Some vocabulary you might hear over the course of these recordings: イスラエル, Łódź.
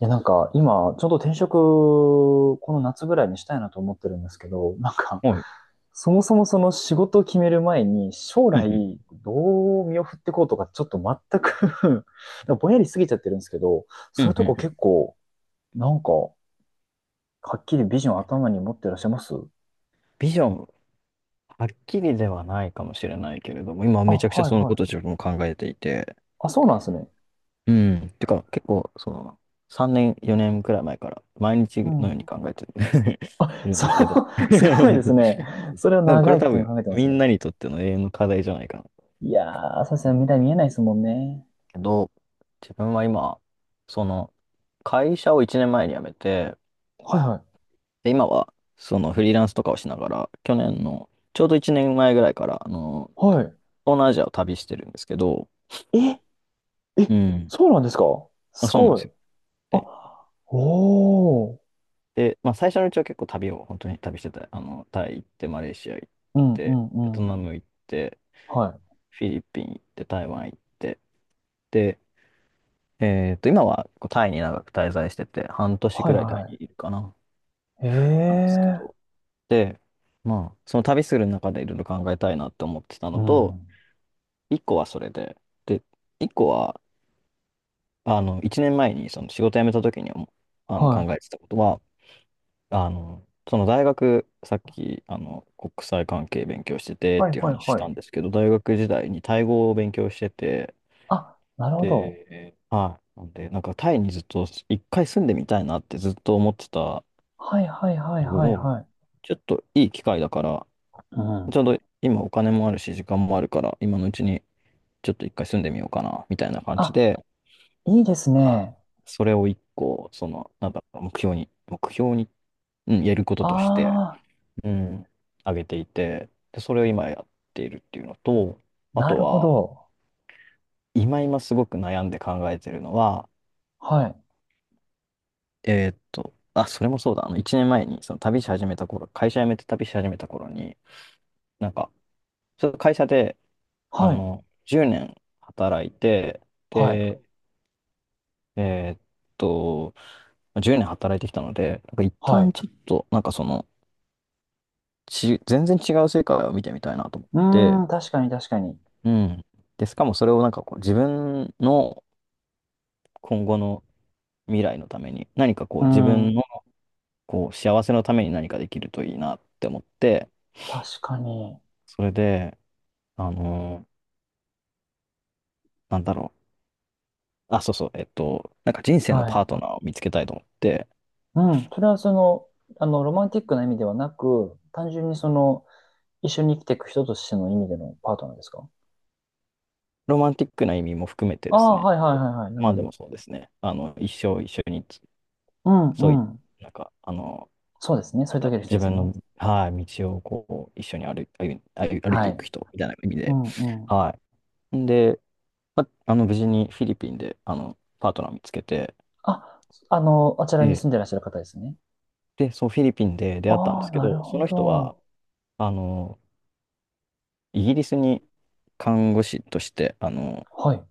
いや、今、ちょうど転職、この夏ぐらいにしたいなと思ってるんですけど、はい。そもそもその仕事を決める前に、将うんうん。来、どう身を振っていこうとか、ちょっと全く ぼんやりしすぎちゃってるんですけど、うそういうんうんとこうん。結構、はっきりビジョン頭に持ってらっしゃいますビジョン、はっきりではないかもしれないけれども、今あ、めちゃくちゃはいそのはことをい。自分も考えていて、あ、そうなんですね。うん。てか、結構、その、3年、4年くらい前から、毎日うのようん。に考えて いるんそでう、すけど。すごいですね。そうそそれう。を なんかこ長れい多期間分、考えてまみすんね。なにとっての永遠の課題じゃないかな。いやー、そうでうすね。ん。未来見えないですもんね。けど、自分は今、その、会社を1年前に辞めて、はいはで、今は、その、フリーランスとかをしながら、去年の、ちょうど1年前ぐらいから、あの、い。はい。東南アジアを旅してるんですけど、ええ、うん。そうなんですか？あ、すそうなんごでい。すよ。で、あ、おー。で、まあ、最初のうちは結構旅を本当に旅してた。あの、タイ行って、マレーシア行っうんうて、んうベトん。ナム行って、はい。フィリピン行って、台湾行って、で、今はこうタイに長く滞在してて、半年はぐいらいタイにはいるかな、なんですけい。えど。えで、まあ、その旅する中でいろいろ考えたいなって思ってたーうのと、ん。一個はそれで、で、一個は、あの、一年前にその仕事辞めた時にあのは考い。えてたことは、あの、その大学、さっき、あの、国際関係勉強しててっはいていうはい話しはたんい。ですけど、大学時代にタイ語を勉強してて、あ、なるほど。で、はい。なんで、なんかタイにずっと一回住んでみたいなってずっと思ってたはいはいはいのはいを、はい。ちょっといい機会だから、うん。ちょうど今お金もあるし、時間もあるから、今のうちにちょっと一回住んでみようかな、みたいな感じあ、で、いいですはね。い。それを一個、その、なんだろう、目標に、目標に、うん、やることとして、あうん、上げていて、で、それを今やっているっていうのと、ー、あなとるほは、ど。今すごく悩んで考えてるのは、はい。あ、それもそうだ、あの、1年前に、その旅し始めた頃、会社辞めて旅し始めた頃に、なんか、ちょっと会社で、あはい。の、10年働いて、はい。で、えーっと、10年働いてきたので、なんか一は旦い。ちょっと、なんかその、全然違う世界を見てみたいなと思っうーて、ん、確かに確かに。うん。で、しかもそれをなんかこう自分の今後の未来のために、何かこううー自ん、分のこう幸せのために何かできるといいなって思って、確かに。それで、あのーなんだろう。あ、そうそう、なんか人生のはパーい。トナーを見つけたいと思って、うん、それはその、あの、ロマンティックな意味ではなく、単純にその、一緒に生きていく人としての意味でのパートナーですか？ロマンティックな意味も含めてあですあ、ね、はいはいはいはい。なるまほあでど。もそうですね、あの、一生一緒に、うんそうういん。う、なんか、あの、そうですね。そなういんだう時ろのう、人で自す分ね。の、はい、道をこう、一緒に歩いてはいくい。人みたいな意味うで、んうん。はい。んで、まあ、あの、無事にフィリピンで、あの、パートナー見つけて、あ、あの、あちらに住んでえらっしゃる方ですね。で、そう、フィリピンで出会ったんでああ、すけなるど、そほの人は、ど。あの、イギリスに看護師として、あの、はい。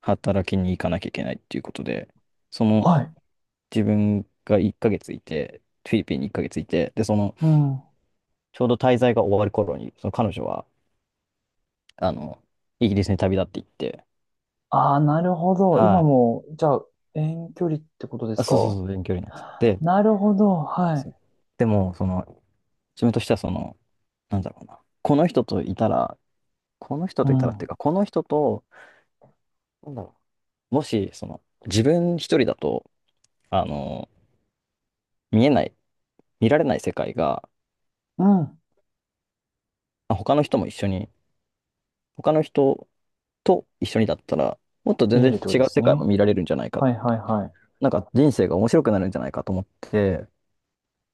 働きに行かなきゃいけないっていうことで、その、はい。自分が1ヶ月いて、フィリピンに1ヶ月いて、で、その、うん。ちょうど滞在が終わる頃に、その彼女は、あの、イギリスに旅立っていって、ああ、なるほど。は今い。も、じゃあ、遠距離ってことであ、すか？そうそうそう、遠距離なんですよ。で、なるほど。はい。でも、その、自分としては、その、なんだろうな、この人といたら、この人うといたらってん。いうか、この人と、なんだろう、もし、その、自分一人だと、あの、見えない、見られない世界が、うん。まあ他の人も一緒に、他の人と一緒にだったら、もっと全見れ然るってこ違とでうす世界もね。見られるんじゃないか、はいはいはい。なんか人生が面白くなるんじゃないかと思って、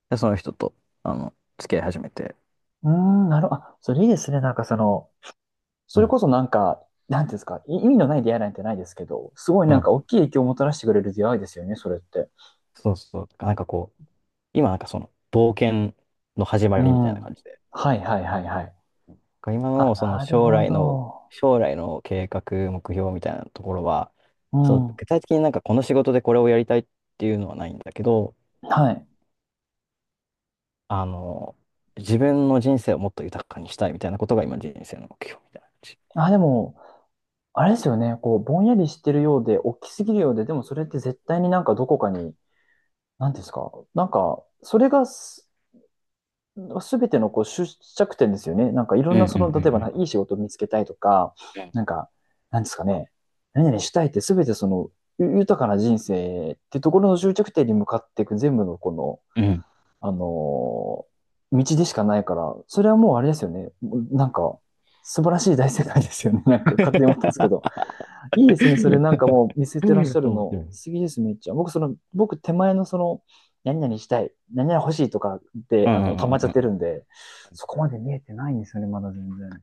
でその人と、あの、付き合い始めて。うーん、なるほど。あ、それいいですね。その、そうれこん。そなんていうんですか、い意味のない出会いなんてないですけど、すごいうん。大きい影響をもたらしてくれる出会いですよね、それって。そうそう。なんかこう、今なんかその、冒険の始まうりみたいん。な感じで。はいはいはいはい。今あ、のそのなる将ほ来の、ど。将来の計画、目標みたいなところは、うそう、ん。具体的になんかこの仕事でこれをやりたいっていうのはないんだけど、はい。あの、自分の人生をもっと豊かにしたいみたいなことが今人生の目標みたいな感じ。あ、でも、あれですよね、こう、ぼんやりしてるようで、大きすぎるようで、でもそれって絶対にどこかに、なんていうんですか、それがすすべてのこう出着点ですよね。いろうんんなそうんの、例えばなういい仕事を見つけたいとか、んなんか、なんですかね、何々したいってすべてその、豊かな人生ってところの終着点に向かっていく全部のこの、うん。うん。うん あのー道でしかないから、それはもうあれですよね。なんか、素晴らしい大世界ですよね。なんか勝手に思ったんですけど。いいですね。それ もう見せてらっ面しゃる白の、い。素敵です、めっちゃ。僕、その、僕、手前のその、何々したい、何々欲しいとかで、うあんうの、溜まっんちうゃっんてうるん。んで、そこまで見えてないんですよね、まだ全然。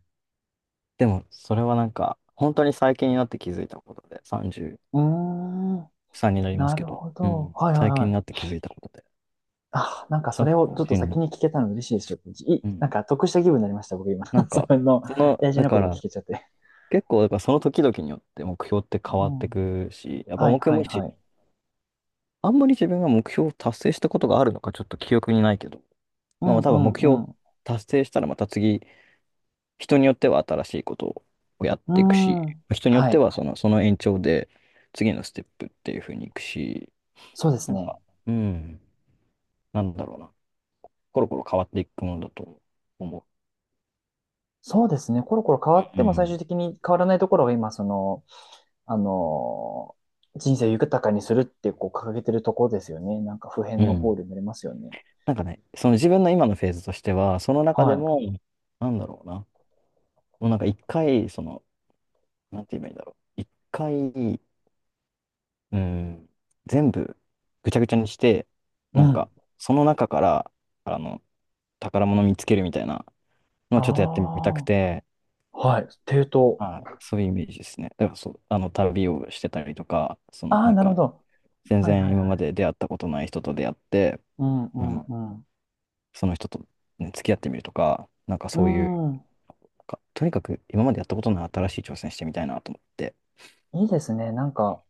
でも、それはなんか、本当に最近になって気づいたことで、33うーん、になりますなけるど、ほうど。ん。はいはい最近にはなってい。気づいたことで、あ、なんかそ社れをち交ょっと人先の、に聞けたの嬉しいです。よい、うん。なんか得した気分になりました、僕今。なん そか、れのその、大事だなこかとを聞ら、けちゃって。結構、だからその時々によって目標ってう変わってん。くし、やっぱはい目標はもいはし、い。あんまり自分が目標を達成したことがあるのか、ちょっと記憶にないけど、うまんあ多う分ん目標をう達成したらまた次、人によっては新しいことをやっていくん。し、うーん。人によっはてい。はその延長で次のステップっていう風にいくし、そうですなんか、ね。うん、なんだろうな、コロコロ変わっていくものだと思そうですね。コロコロ変わう。っうても最終ん。的に変わらないところが今、その、あの、人生を豊かにするってこう掲げてるところですよね。なんか普う遍のゴーん。ルになりますよね。なんかね、その自分の今のフェーズとしては、その中ではも、なんだろうな、もうなんか一回、その、なんて言えばいいんだろう、一回、うん、全部ぐちゃぐちゃにして、い。うなんん。か、その中から、あの、宝物見つけるみたいなのあをちょっとやってみたくて、あ、はい。抵当。はい、そういうイメージですね。だからそう、あの、旅をしてたりとか、その、ああ、なんなるほか、ど。全はい然はい今はまい。で出会ったことない人と出会って、うんうあの、んうその人と、ね、付き合ってみるとか、なんかん。そういう、うとにかく今までやったことのない新しい挑戦してみたいなと思って。ん。いいですね。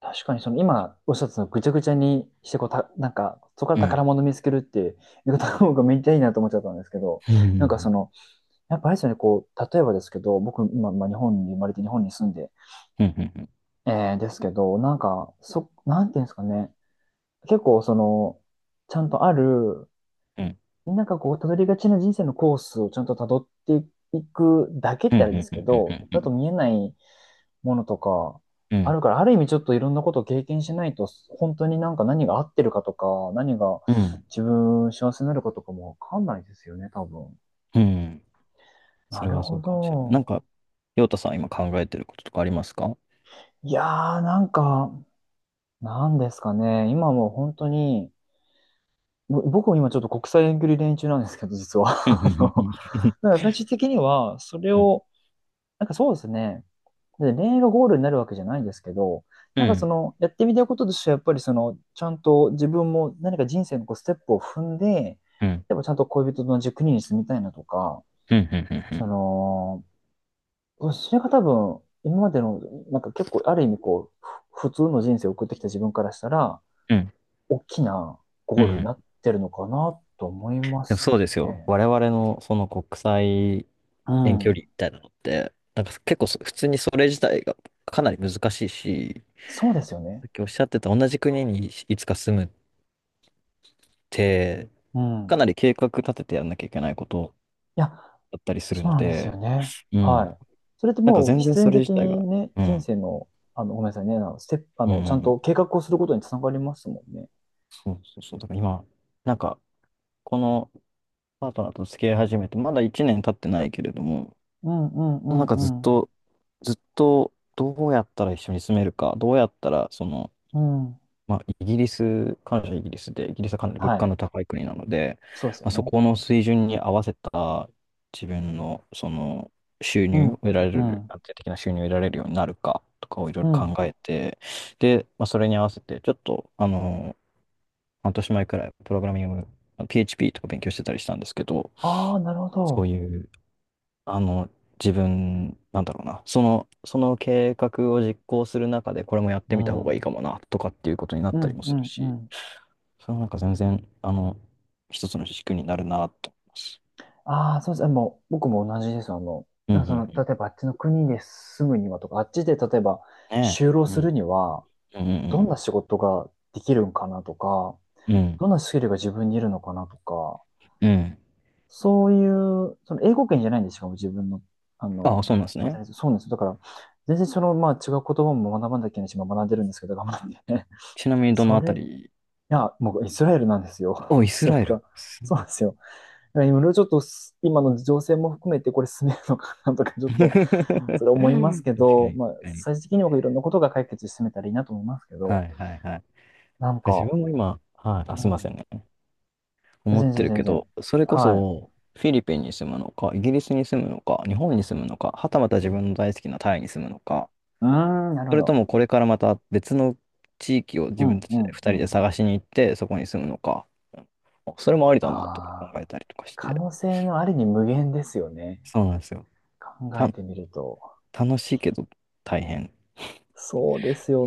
確かにその今おっしゃってたのぐちゃぐちゃにしてこうた、そこからう宝ん。物見つけるっていう言い方の方がめっちゃいいなと思っちゃったんですけど、うなんかそん。の、やっぱあれですよね、こう、例えばですけど、僕、今、まあ、日本に生まれて日本に住んで、うん。うん。うん。えー、ですけど、そ、なんていうんですかね、結構、その、ちゃんとある、うん。なんかこう、たどりがちな人生のコースをちゃんとたどっていくだけっうてあれでん。すけうん。ど、だと見えないものとか、あるから、ある意味ちょっといろんなことを経験しないと、本当になんか何が合ってるかとか、何がうん。自分幸せになるかとかもわかんないですよね、多分。うん。そなれるはそほうかもしれない。なんど。か、陽太さん、今考えてることとかありますか？いやー、なんですかね。今もう本当に、ぼ僕も今ちょっと国際遠距離恋中なんですけど、実は。う あの、だかん。ら最終的には、それうん。を、なんかそうですね。で、恋愛がゴールになるわけじゃないんですけど、うなん。んうかそん。の、やってみたこととしては、やっぱりその、ちゃんと自分も何か人生のこうステップを踏んで、うん。でもちゃんと恋人と同じ国に住みたいなとか、うそん。の、それが多分、今までの、なんか結構、ある意味こう、ふ普通の人生を送ってきた自分からしたら、うん。大きなうゴールになん。ってるのかなと思いまでもすそうですよ。ね。我々のその国際う遠距離ん。みたいなのって、なんか結構普通にそれ自体がかなり難しいし、そうですよね。さっきおっしゃってた同じ国にいつか住むって、うん。かいなり計画立ててやんなきゃいけないことや、だったりするそうのなんですよで、ね。うはん。い。それってなんかもう全然必そ然れ的自体にが、ね、う人ん。生の、あの、ごめんなさいね、あの、ステップ、あうん、うんの、ちゃんうん。と計画をすることにつながりますもんね。そうそうそう。だから今、なんか、このパートナーと付き合い始めて、まだ1年経ってないけれども、うんうんうなんかずっんうん。と、ずっと、どうやったら一緒に住めるか、どうやったら、その、うん。まあ、イギリス、感謝イギリスで、イギリスはかなり物は価い。の高い国なので、そうですよまあ、そね。この水準に合わせた自分のその収う入をん。得られうる、ん。安定的な収入を得られるようになるかとかをいろいうろん。考えて、で、まあ、それに合わせて、ちょっと、あの、半年前くらい、プログラミング、PHP とか勉強してたりしたんですけど、ああ、なるほそうど。いう、あの、自分、なんだろうな、その、計画を実行する中で、これもやっうてみた方がいん。いかもな、とかっていうことになっうたりんもうするんうし、ん。それはなんか全然、あの、一つの軸になるなと思います。ああ、そうです。もう、僕も同じです。あの、うん、なうんかん、うその、ん。例えばあっちの国で住むにはとか、あっちで例えばね就労え。うするん、には、うどんなん、仕事ができるんかなとか、うん、うん。うんどんなスキルが自分にいるのかなとか、うん。そういう、その英語圏じゃないんですかも自分の、あああ、の、そうなんですね。働いてるそうなんですよ。だから、全然その、まあ違う言葉も学ばなきゃいけないし、まあ学んでるんですけど、頑張って。ちなみにどのそあたれ、いり？や、もうイスラエルなんですよ。お、イ スそれラエが。ル。すそうごなんい。ですよ。いろいろちょっとす今の情勢も含めてこれ進めるのかなとか、ち ょっ確とかそれ思いますに、けど、確まあ、かに。最終的に僕いろんなことが解決して進めたらいいなと思いますけはど、い、はい、はい。なん自か、分も今、はい、うあ、すいませんん。ね。思っ全て然る全け然。ど、それこはい。そ、フィリピンに住むのか、イギリスに住むのか、日本に住むのか、はたまた自分の大好きなタイに住むのか、うーん、なるほそれともど。これからまた別の地域をう自分ん、たちうでん、う人でん。探しに行って、そこに住むのか。うん。あ、それもありだなとか考ああ、えたりとかし可て。能性のありに無限ですよね。そうなんですよ。考た、えてみると。楽しいけど大変。そうですよ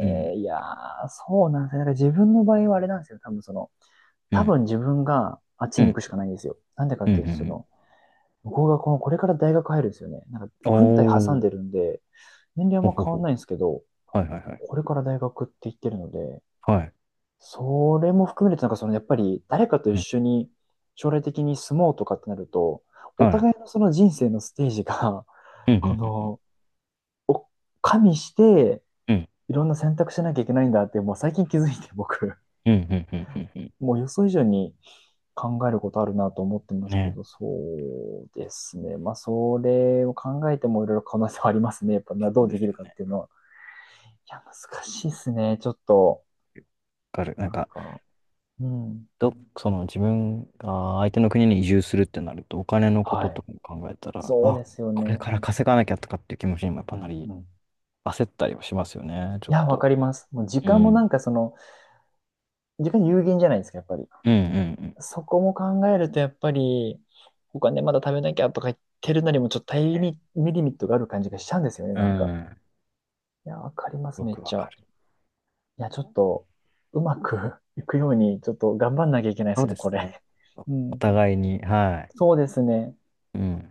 うん。いやー、そうなんですよ。なんか自分の場合はあれなんですよ。多分その、う多ん。分自分があっちうに行ん。くしかないんですよ。なんでかうっん。うてん。いううと、そん。の、僕がこの、これから大学入るんですよね。なんか、軍隊挟んおでー。るんで、年齢ほはあんまほ変わんほ。ないんですけど、はいはいはい。これから大学って言ってるので、はい。それも含めると、なんかその、やっぱり誰かと一う緒ん。に将来的に住もうとかってなると、おはい。互いのその人生のステージが、うん。こうん。の、お加味して、うん。いろんな選択しなきゃいけないんだって、もう最近気づいて、僕、うん。うん。うん。うんうんもう予想以上に考えることあるなと思ってますけね。ど、そうですね。まあ、それを考えてもいろいろ可能性はありますね。やっぱな、どそううでですきるよかっね。ていうのは。いや、難しいですね。ちょっと、わかる。ななんんか、か、うん。その自分が相手の国に移住するってなると、お金のこはとい。とかも考えたら、そうあ、ですよこれね。から稼がなきゃとかっていう気持ちにもやっうぱなん、り、うん。い焦ったりはしますよね、ちょっや、わかと。ります。もう時う間もん。その、時間有限じゃないですか、やっぱり。うんうんそこも考えると、やっぱり、お金まだ食べなきゃとか言ってるなりも、ちょっとタイミミリミットがある感じがしちゃうんですよね、うなんん。か。うん。いや、わかります、よめっくわちかゃ。る。いや、ちょっと、うまく いくように、ちょっと頑張んなきゃいけないでそすうね、でこすれ。ね。うおん。互いに、はい。そうですね。うん。